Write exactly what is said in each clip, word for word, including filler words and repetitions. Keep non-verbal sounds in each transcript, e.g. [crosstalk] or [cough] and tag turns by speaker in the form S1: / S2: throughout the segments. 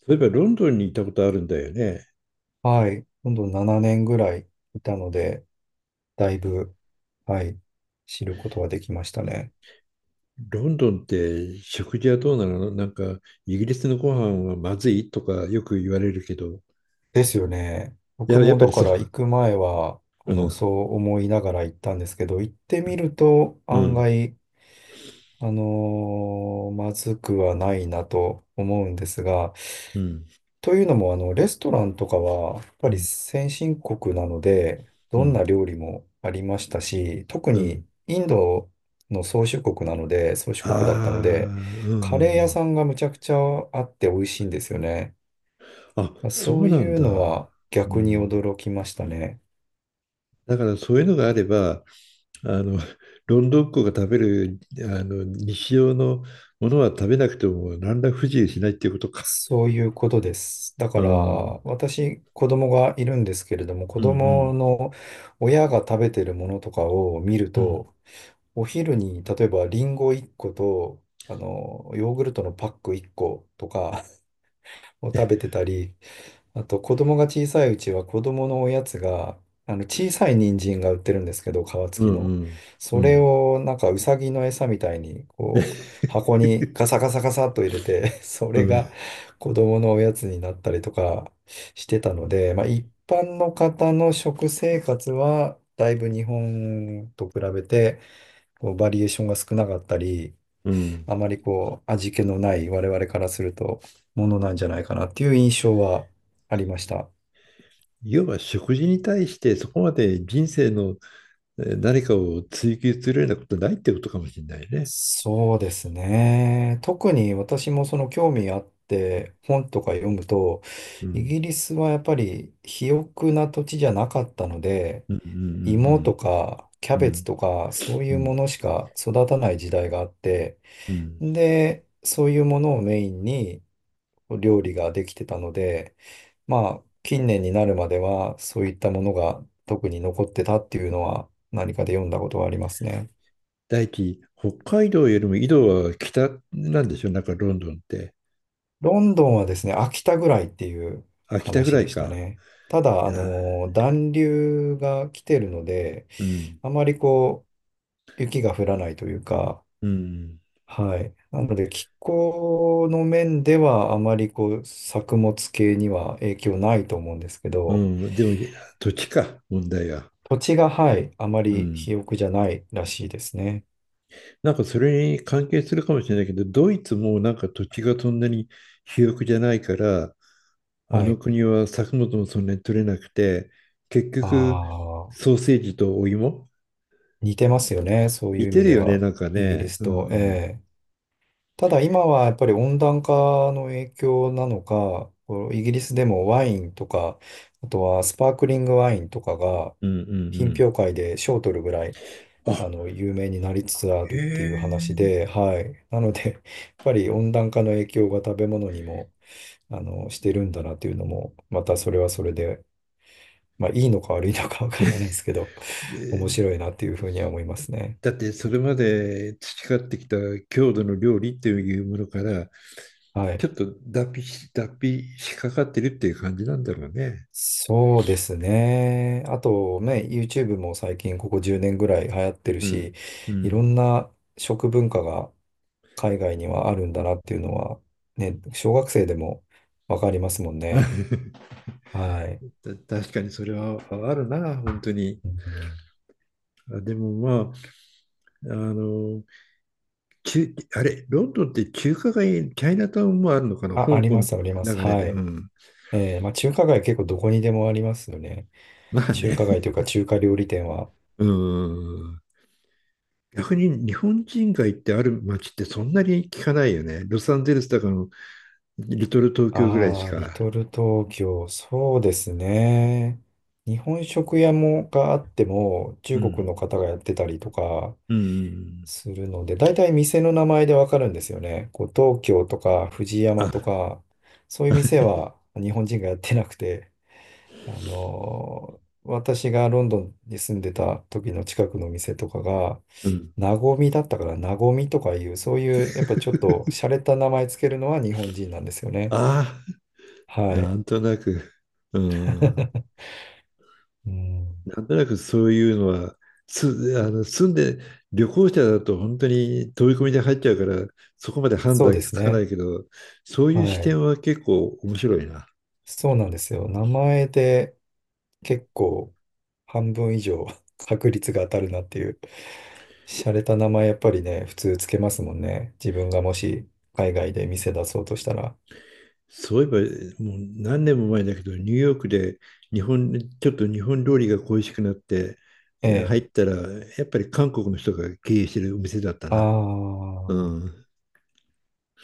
S1: そういえばロンドンに行ったことあるんだよね。
S2: はい。今度ななねんぐらいいたので、だいぶ、はい、知ることができましたね。
S1: ロンドンって食事はどうなの、なんかイギリスのご飯はまずいとかよく言われるけど、
S2: ですよね。
S1: い
S2: 僕
S1: や、やっ
S2: も
S1: ぱ
S2: だ
S1: り
S2: か
S1: そ
S2: ら行く前は、あ
S1: う。う
S2: の、そ
S1: ん。
S2: う思いながら行ったんですけど、行ってみると
S1: う
S2: 案
S1: ん。
S2: 外、あのーまずくはないなと思うんですが、
S1: うん。
S2: というのも、あの、レストランとかは、やっぱり先進国なので、
S1: う
S2: どん
S1: ん。
S2: な料理もありましたし、特
S1: うん。
S2: にインドの宗主国なので、宗主
S1: ああ
S2: 国だったので、
S1: ー、うんう
S2: カレー
S1: んう
S2: 屋
S1: ん。
S2: さんがむちゃくちゃあって美味しいんですよね。
S1: あ、そ
S2: そ
S1: う
S2: う
S1: なん
S2: いう
S1: だ。
S2: のは
S1: う
S2: 逆に
S1: ん。
S2: 驚きましたね。
S1: だからそういうのがあれば、あの、ロンドンっ子が食べる、あの、日常のものは食べなくても何ら不自由しないっていうことか。
S2: そういうことです。だか
S1: う
S2: ら、
S1: ん。うん
S2: 私、子供がいるんですけれども、子
S1: う
S2: 供
S1: ん。
S2: の親が食べてるものとかを見る
S1: うん
S2: と、お昼に、例えばリンゴいっこと、あの、ヨーグルトのパックいっことか [laughs] を食べてたり、あと子供が小さいうちは子供のおやつが、あの、小さい人参が売ってるんですけど、皮
S1: う
S2: 付きの。
S1: んう
S2: それ
S1: ん。
S2: をなんかうさぎの餌みたいに、こう、箱にガサガサガサっと入れて [laughs] そ
S1: う
S2: れが
S1: ん。
S2: 子供のおやつになったりとかしてたので、まあ一般の方の食生活は、だいぶ日本と比べて、こうバリエーションが少なかったり、
S1: うん。
S2: あまりこう味気のない我々からするとものなんじゃないかなっていう印象はありました。
S1: いわば食事に対してそこまで人生のえー何かを追求するようなことないってことかもしれないね。
S2: そうですね。特に私もその興味あって本とか読むと、
S1: う
S2: イ
S1: ん。
S2: ギリスはやっぱり肥沃な土地じゃなかったので、
S1: うんう
S2: 芋
S1: ん
S2: とかキャ
S1: うんうん。う
S2: ベツ
S1: ん。
S2: とかそう
S1: う
S2: いう
S1: ん
S2: ものしか育たない時代があって、
S1: うん。
S2: で、そういうものをメインに料理ができてたので、まあ、近年になるまでは、そういったものが特に残ってたっていうのは、何かで読んだことはありますね。
S1: 第一、北海道よりも緯度は北なんでしょう、なんかロンドンって。
S2: ロンドンはですね、秋田ぐらいっていう
S1: あ、北ぐ
S2: 話
S1: ら
S2: で
S1: い
S2: した
S1: か。
S2: ね。ただ、
S1: い
S2: あ
S1: や、
S2: の、暖流が来てるので、
S1: うん。
S2: あまりこう、雪が降らないというか、
S1: うん。
S2: はい。なので、気候の面では、あまりこう、作物系には影響ないと思うんですけ
S1: う
S2: ど、
S1: ん。でも、いや土地か、問題が。
S2: 土地が、はい、あま
S1: う
S2: り
S1: ん。
S2: 肥沃じゃないらしいですね。
S1: なんかそれに関係するかもしれないけど、ドイツもなんか土地がそんなに肥沃じゃないから、あ
S2: は
S1: の
S2: い。
S1: 国は作物もそんなに取れなくて、結
S2: あ
S1: 局
S2: あ、
S1: ソーセージとお芋、
S2: 似てますよね。そうい
S1: 似
S2: う意
S1: て
S2: 味
S1: る
S2: で
S1: よね、
S2: は、
S1: なんか
S2: イギリ
S1: ね。
S2: ス
S1: うん、う
S2: と。え
S1: ん、
S2: え。ただ今はやっぱり温暖化の影響なのか、こうイギリスでもワインとか、あとはスパークリングワインとかが、
S1: うんう
S2: 品
S1: ん。
S2: 評会で賞を取るぐらい、
S1: あ、
S2: あの、有名になりつつあるっていう話
S1: ええ、
S2: で、はい。なので、やっぱり温暖化の影響が食べ物にも、あの、してるんだなっていうのも、またそれはそれでまあ、いいのか悪いのかわからないですけど、[laughs] 面
S1: で、
S2: 白いなっていうふうには思いますね。
S1: だってそれまで培ってきた郷土の料理っていうものから
S2: は
S1: ち
S2: い。
S1: ょっと脱皮し、脱皮しかかってるっていう感じなんだろうね。
S2: そうですね。あとね、YouTube も最近ここじゅうねんぐらい流行ってる
S1: う
S2: し、
S1: ん。う
S2: いろ
S1: ん。
S2: んな食文化が海外にはあるんだなっていうのは、ね、小学生でもわかりますもんね。
S1: [laughs]
S2: はい。
S1: 確かにそれはあるな、本当に。
S2: うん、
S1: あでもまあ、あの、中あれ、ロンドンって中華街、チャイナタウンもあるのかな、
S2: あ、あ
S1: 香
S2: り
S1: 港
S2: ま
S1: の
S2: す、あります。
S1: 流れ
S2: は
S1: で。う
S2: い。
S1: ん。
S2: えーまあ、中華街結構どこにでもありますよね。
S1: まあ
S2: 中
S1: ね。
S2: 華街というか中華料理店は、
S1: うん。逆に日本人街ってある街ってそんなに聞かないよね。ロサンゼルスとかのリトル東京ぐらいし
S2: ああ、リ
S1: か。
S2: トル東京、そうですね。日本食屋もがあっても、中
S1: う
S2: 国
S1: ん。
S2: の方がやってたりとか
S1: うん。
S2: するので、大体店の名前でわかるんですよね。こう東京とか藤山と
S1: あ、
S2: か、そういう店は日本人がやってなくて、あのー私がロンドンに住んでた時の近くの店とかが、
S1: うん。
S2: なごみだったから、なごみとかいう、そういう、やっぱちょっと洒落た名前つけるのは日本人なんですよね。
S1: ああ、
S2: は
S1: な
S2: い。
S1: んとなく。うん。
S2: うん、
S1: なんとなくそういうのは、つ、あの、住んで、旅行者だと本当に飛び込みで入っちゃうから、そこまで判
S2: そう
S1: 断
S2: で
S1: つ
S2: す
S1: かな
S2: ね。
S1: いけど、そう
S2: は
S1: いう視
S2: い。
S1: 点は結構面白いな。
S2: そうなんですよ。名前で結構半分以上 [laughs] 確率が当たるなっていう。洒落た名前やっぱりね、普通つけますもんね。自分がもし海外で店出そうとしたら。
S1: そういえば、もう何年も前だけど、ニューヨークで日本、ちょっと日本料理が恋しくなって、
S2: え
S1: えー
S2: え。
S1: 入ったら、やっぱり韓国の人が経営してるお店だった
S2: あ
S1: な。
S2: あ、
S1: うん。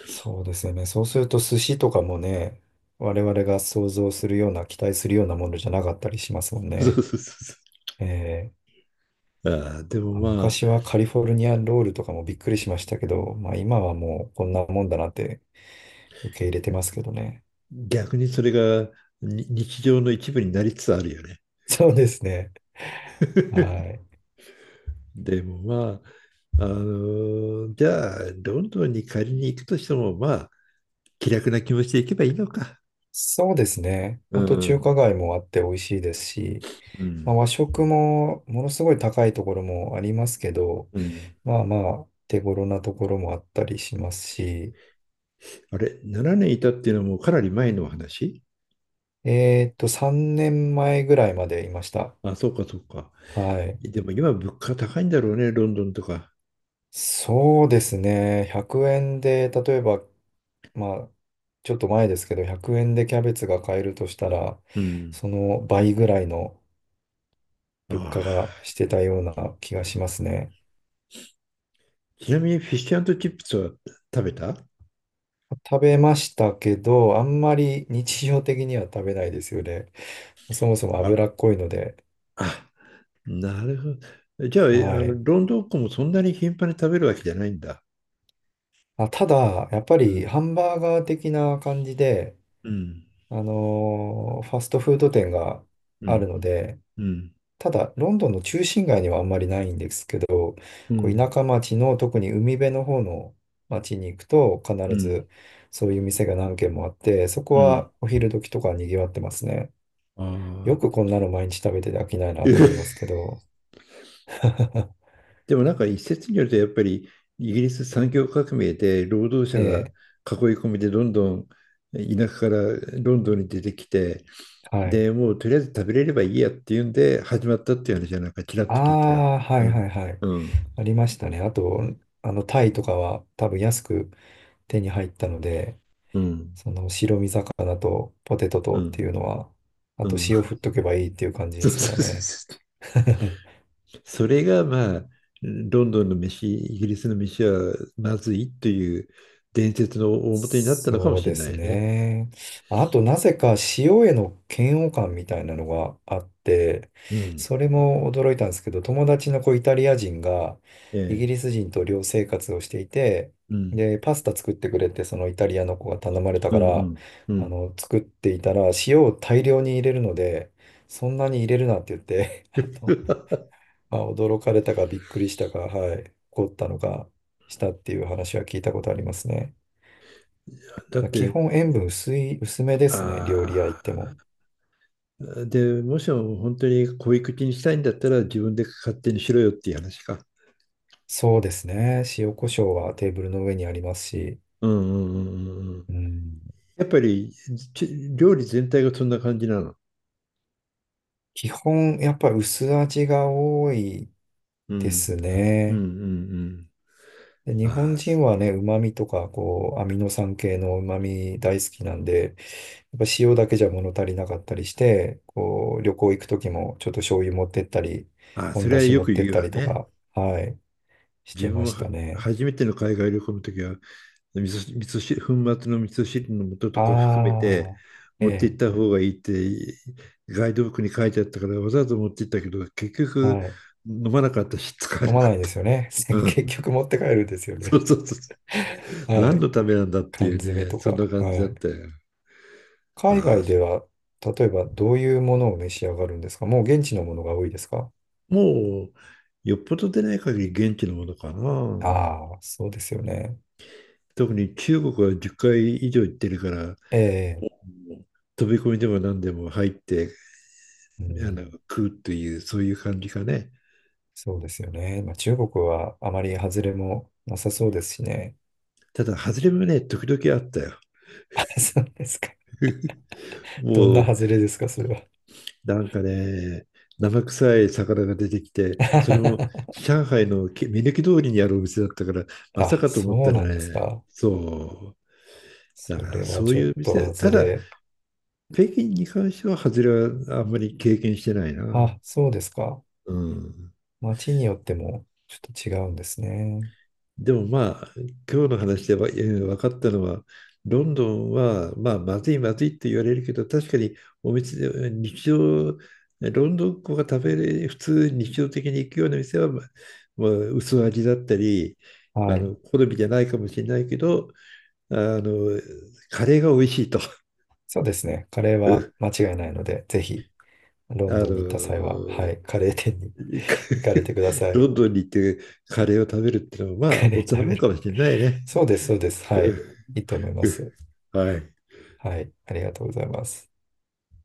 S2: そうですよね。そうすると寿司とかもね、我々が想像するような、期待するようなものじゃなかったりしますもん
S1: そうそう
S2: ね。
S1: そうそ
S2: ええ。
S1: う。ああ、でも
S2: あ、
S1: ま
S2: 昔
S1: あ、
S2: はカリフォルニアンロールとかもびっくりしましたけど、まあ今はもうこんなもんだなって受け入れてますけどね。
S1: 逆にそれがに日常の一部になりつつあるよね。
S2: [laughs] そうですね。
S1: [laughs]
S2: はい。
S1: でもまあ、あのじゃあ、ロンドンに仮に行くとしても、まあ、気楽な気持ちで行けばいいのか。
S2: そうですね。
S1: う
S2: 本当中
S1: ん
S2: 華街もあって美味しいですし、
S1: う
S2: まあ、
S1: ん
S2: 和食もものすごい高いところもありますけど、
S1: うん
S2: まあまあ手頃なところもあったりしますし、
S1: あれ、ななねんいたっていうのはもうかなり前の話。
S2: えーっとさんねんまえぐらいまでいました。
S1: あ、そうかそうか。
S2: はい。
S1: でも今物価高いんだろうね、ロンドンとか。
S2: そうですね。ひゃくえんで、例えばまあ、ちょっと前ですけど、ひゃくえんでキャベツが買えるとしたら、
S1: うん。
S2: その倍ぐらいの
S1: あ
S2: 物価が
S1: あ。
S2: してたような気がしますね。
S1: ちなみにフィッシュチップスは食べた？
S2: 食べましたけど、あんまり日常的には食べないですよね。そもそも
S1: あ、
S2: 脂っこいので。
S1: あ、なるほど。じゃあ、あ
S2: はい。
S1: の、ロンドンっ子もそんなに頻繁に食べるわけじゃないんだ。
S2: あ、ただ、やっぱ
S1: う
S2: り
S1: ん。
S2: ハンバーガー的な感じで、
S1: うん。
S2: あのーファストフード店が
S1: う
S2: ある
S1: ん。
S2: ので、
S1: うん。
S2: ただ、ロンドンの中心街にはあんまりないんですけど、
S1: う
S2: こう
S1: ん。
S2: 田舎町の特に海辺の方の町に行くと、必
S1: うん。
S2: ずそういう店が何軒もあって、そこ
S1: うん。
S2: はお昼時とか賑わってますね。
S1: あ
S2: よく
S1: あ、
S2: こんなの毎日食べてて飽きないなと思います
S1: [laughs]
S2: けど。[laughs]
S1: でもなんか一説によるとやっぱりイギリス産業革命で労働者
S2: え
S1: が
S2: え、
S1: 囲い込みでどんどん田舎からロンドンに出てきて、
S2: はい。
S1: でもうとりあえず食べれればいいやっていうんで始まったっていう話はなんかちらっ
S2: あ
S1: と聞いたよ。
S2: あ、は
S1: う
S2: いはい
S1: ん
S2: はい。
S1: うん
S2: ありましたね。あと、あの、タイとかは多分安く手に入ったので、
S1: うん
S2: その白身魚とポテト
S1: う
S2: とってい
S1: ん
S2: うのは、あ
S1: う
S2: と
S1: ん。
S2: 塩振っ
S1: [laughs]
S2: とけばいいっていう感じ
S1: そ
S2: で
S1: う
S2: すから
S1: そうそう
S2: ね。
S1: そう。
S2: [laughs]
S1: それがまあ、ロンドンの飯、イギリスの飯はまずいという伝説の大元になったのかも
S2: そう
S1: しれ
S2: で
S1: な
S2: す
S1: いね。
S2: ね。あと、なぜか塩への嫌悪感みたいなのがあって、
S1: うん
S2: それも驚いたんですけど、友達の子イタリア人が
S1: え
S2: イギ
S1: え、
S2: リス人と寮生活をしていて、
S1: うん、
S2: で、パスタ作ってくれって、そのイタリアの子が頼まれた
S1: う
S2: か
S1: ん、う
S2: ら、
S1: ん、う
S2: あ
S1: ん。
S2: の、作っていたら、塩を大量に入れるので、そんなに入れるなって言って、[laughs] あ、
S1: [laughs]
S2: まあ、驚かれたかびっくりしたか、はい、怒ったのかしたっていう話は聞いたことありますね。
S1: だっ
S2: 基
S1: て、
S2: 本塩分薄い、薄めですね、料
S1: あ
S2: 理屋行っても。
S1: あ、で、もしも本当に小い口にしたいんだったら自分で勝手にしろよっていう話か。
S2: そうですね、塩コショウはテーブルの上にありますし、
S1: うんうんうんうんうん。
S2: うん、
S1: やっぱりち料理全体がそんな感じなの。
S2: 基本やっぱ薄味が多い
S1: う
S2: で
S1: ん。
S2: す
S1: うんう
S2: ね。
S1: ん
S2: で日
S1: うん。あ
S2: 本
S1: あ、
S2: 人
S1: す
S2: はね、旨味とかこうアミノ酸系の旨味大好きなんで、やっぱ塩だけじゃ物足りなかったりして、こう、旅行行く時もちょっと醤油持ってったり、
S1: ああ、そ
S2: 本
S1: れ
S2: だ
S1: は
S2: し
S1: よ
S2: 持っ
S1: く
S2: てっ
S1: 言う
S2: た
S1: わ
S2: りと
S1: ね。
S2: か、はい、して
S1: 自分
S2: ま
S1: も
S2: し
S1: は
S2: たね。
S1: 初めての海外旅行の時は味噌、味噌汁、粉末の味噌汁の素とか含め
S2: あ
S1: て
S2: あ、え
S1: 持って行
S2: え、
S1: った方がいいってガイドブックに書いてあったからわざわざ持って行ったけど結局
S2: はい。
S1: 飲まなかったし使わ
S2: 飲
S1: な
S2: ま
S1: か
S2: な
S1: っ
S2: いで
S1: た。
S2: すよね。[laughs]
S1: う
S2: 結
S1: ん。
S2: 局持って帰るんですよ
S1: そ
S2: ね。
S1: うそうそう。
S2: [laughs] は
S1: 何
S2: い。
S1: のためなんだって
S2: 缶
S1: い
S2: 詰
S1: うね、
S2: と
S1: そん
S2: か、
S1: な感じだ
S2: は
S1: っ
S2: い。
S1: たよ。あ
S2: 海
S1: あ、
S2: 外では、例えばどういうものを召し上がるんですか、もう現地のものが多いですか。
S1: もうよっぽど出ない限り現地のものかな。
S2: ああー、そうですよね。
S1: 特に中国はじゅっかい以上行ってるから
S2: ええ、
S1: 飛び込みでも何でも入って
S2: う
S1: あ
S2: ん。
S1: の食うというそういう感じかね。
S2: そうですよね。まあ、中国はあまり外れもなさそうですしね。
S1: ただ、外れもね、時々あったよ。
S2: [laughs] そうですか。どんな
S1: もう、
S2: 外れですか、それは。
S1: なんかね、生臭い魚が出てきて、それも
S2: [laughs]
S1: 上海のけ目抜き通りにあるお店だったから、まさ
S2: あ、
S1: かと思っ
S2: そう
S1: たら
S2: なんです
S1: ね、
S2: か。
S1: そう。だか
S2: それ
S1: ら
S2: は
S1: そう
S2: ちょっ
S1: いう
S2: と
S1: 店、
S2: 外
S1: ただ、
S2: れ。
S1: 北京に関しては、外れはあんまり経験してないな。
S2: あ、そうですか。
S1: うん。
S2: 街によってもちょっと違うんですね。
S1: でもまあ、今日の話でわえー分かったのは、ロンドンは、まあ、まずいまずいって言われるけど、確かにお店で、日常、ロンドンっ子が食べれ、普通日常的に行くような店は、まあ、まあ薄味だったり、あ
S2: はい。
S1: の、好みじゃないかもしれないけど、あの、カレーが美味しいと。[laughs]
S2: そうですね。カレー
S1: う
S2: は
S1: ん
S2: 間違いないので、ぜひ、ロン
S1: あ
S2: ドンに行った際は、
S1: の、
S2: はい、カレー店に
S1: か
S2: [laughs] 行かれてくだ
S1: [laughs]
S2: さい。
S1: ロンドンに行ってカレーを食べるっていうのは、ま
S2: カ
S1: あ、大
S2: レ
S1: 人
S2: ー食
S1: も
S2: べ
S1: んか
S2: る。
S1: もしれないね。
S2: そうです、そうです。
S1: う
S2: はい。
S1: ん
S2: いいと思いま
S1: うん
S2: す。
S1: はい。
S2: はい。ありがとうございます。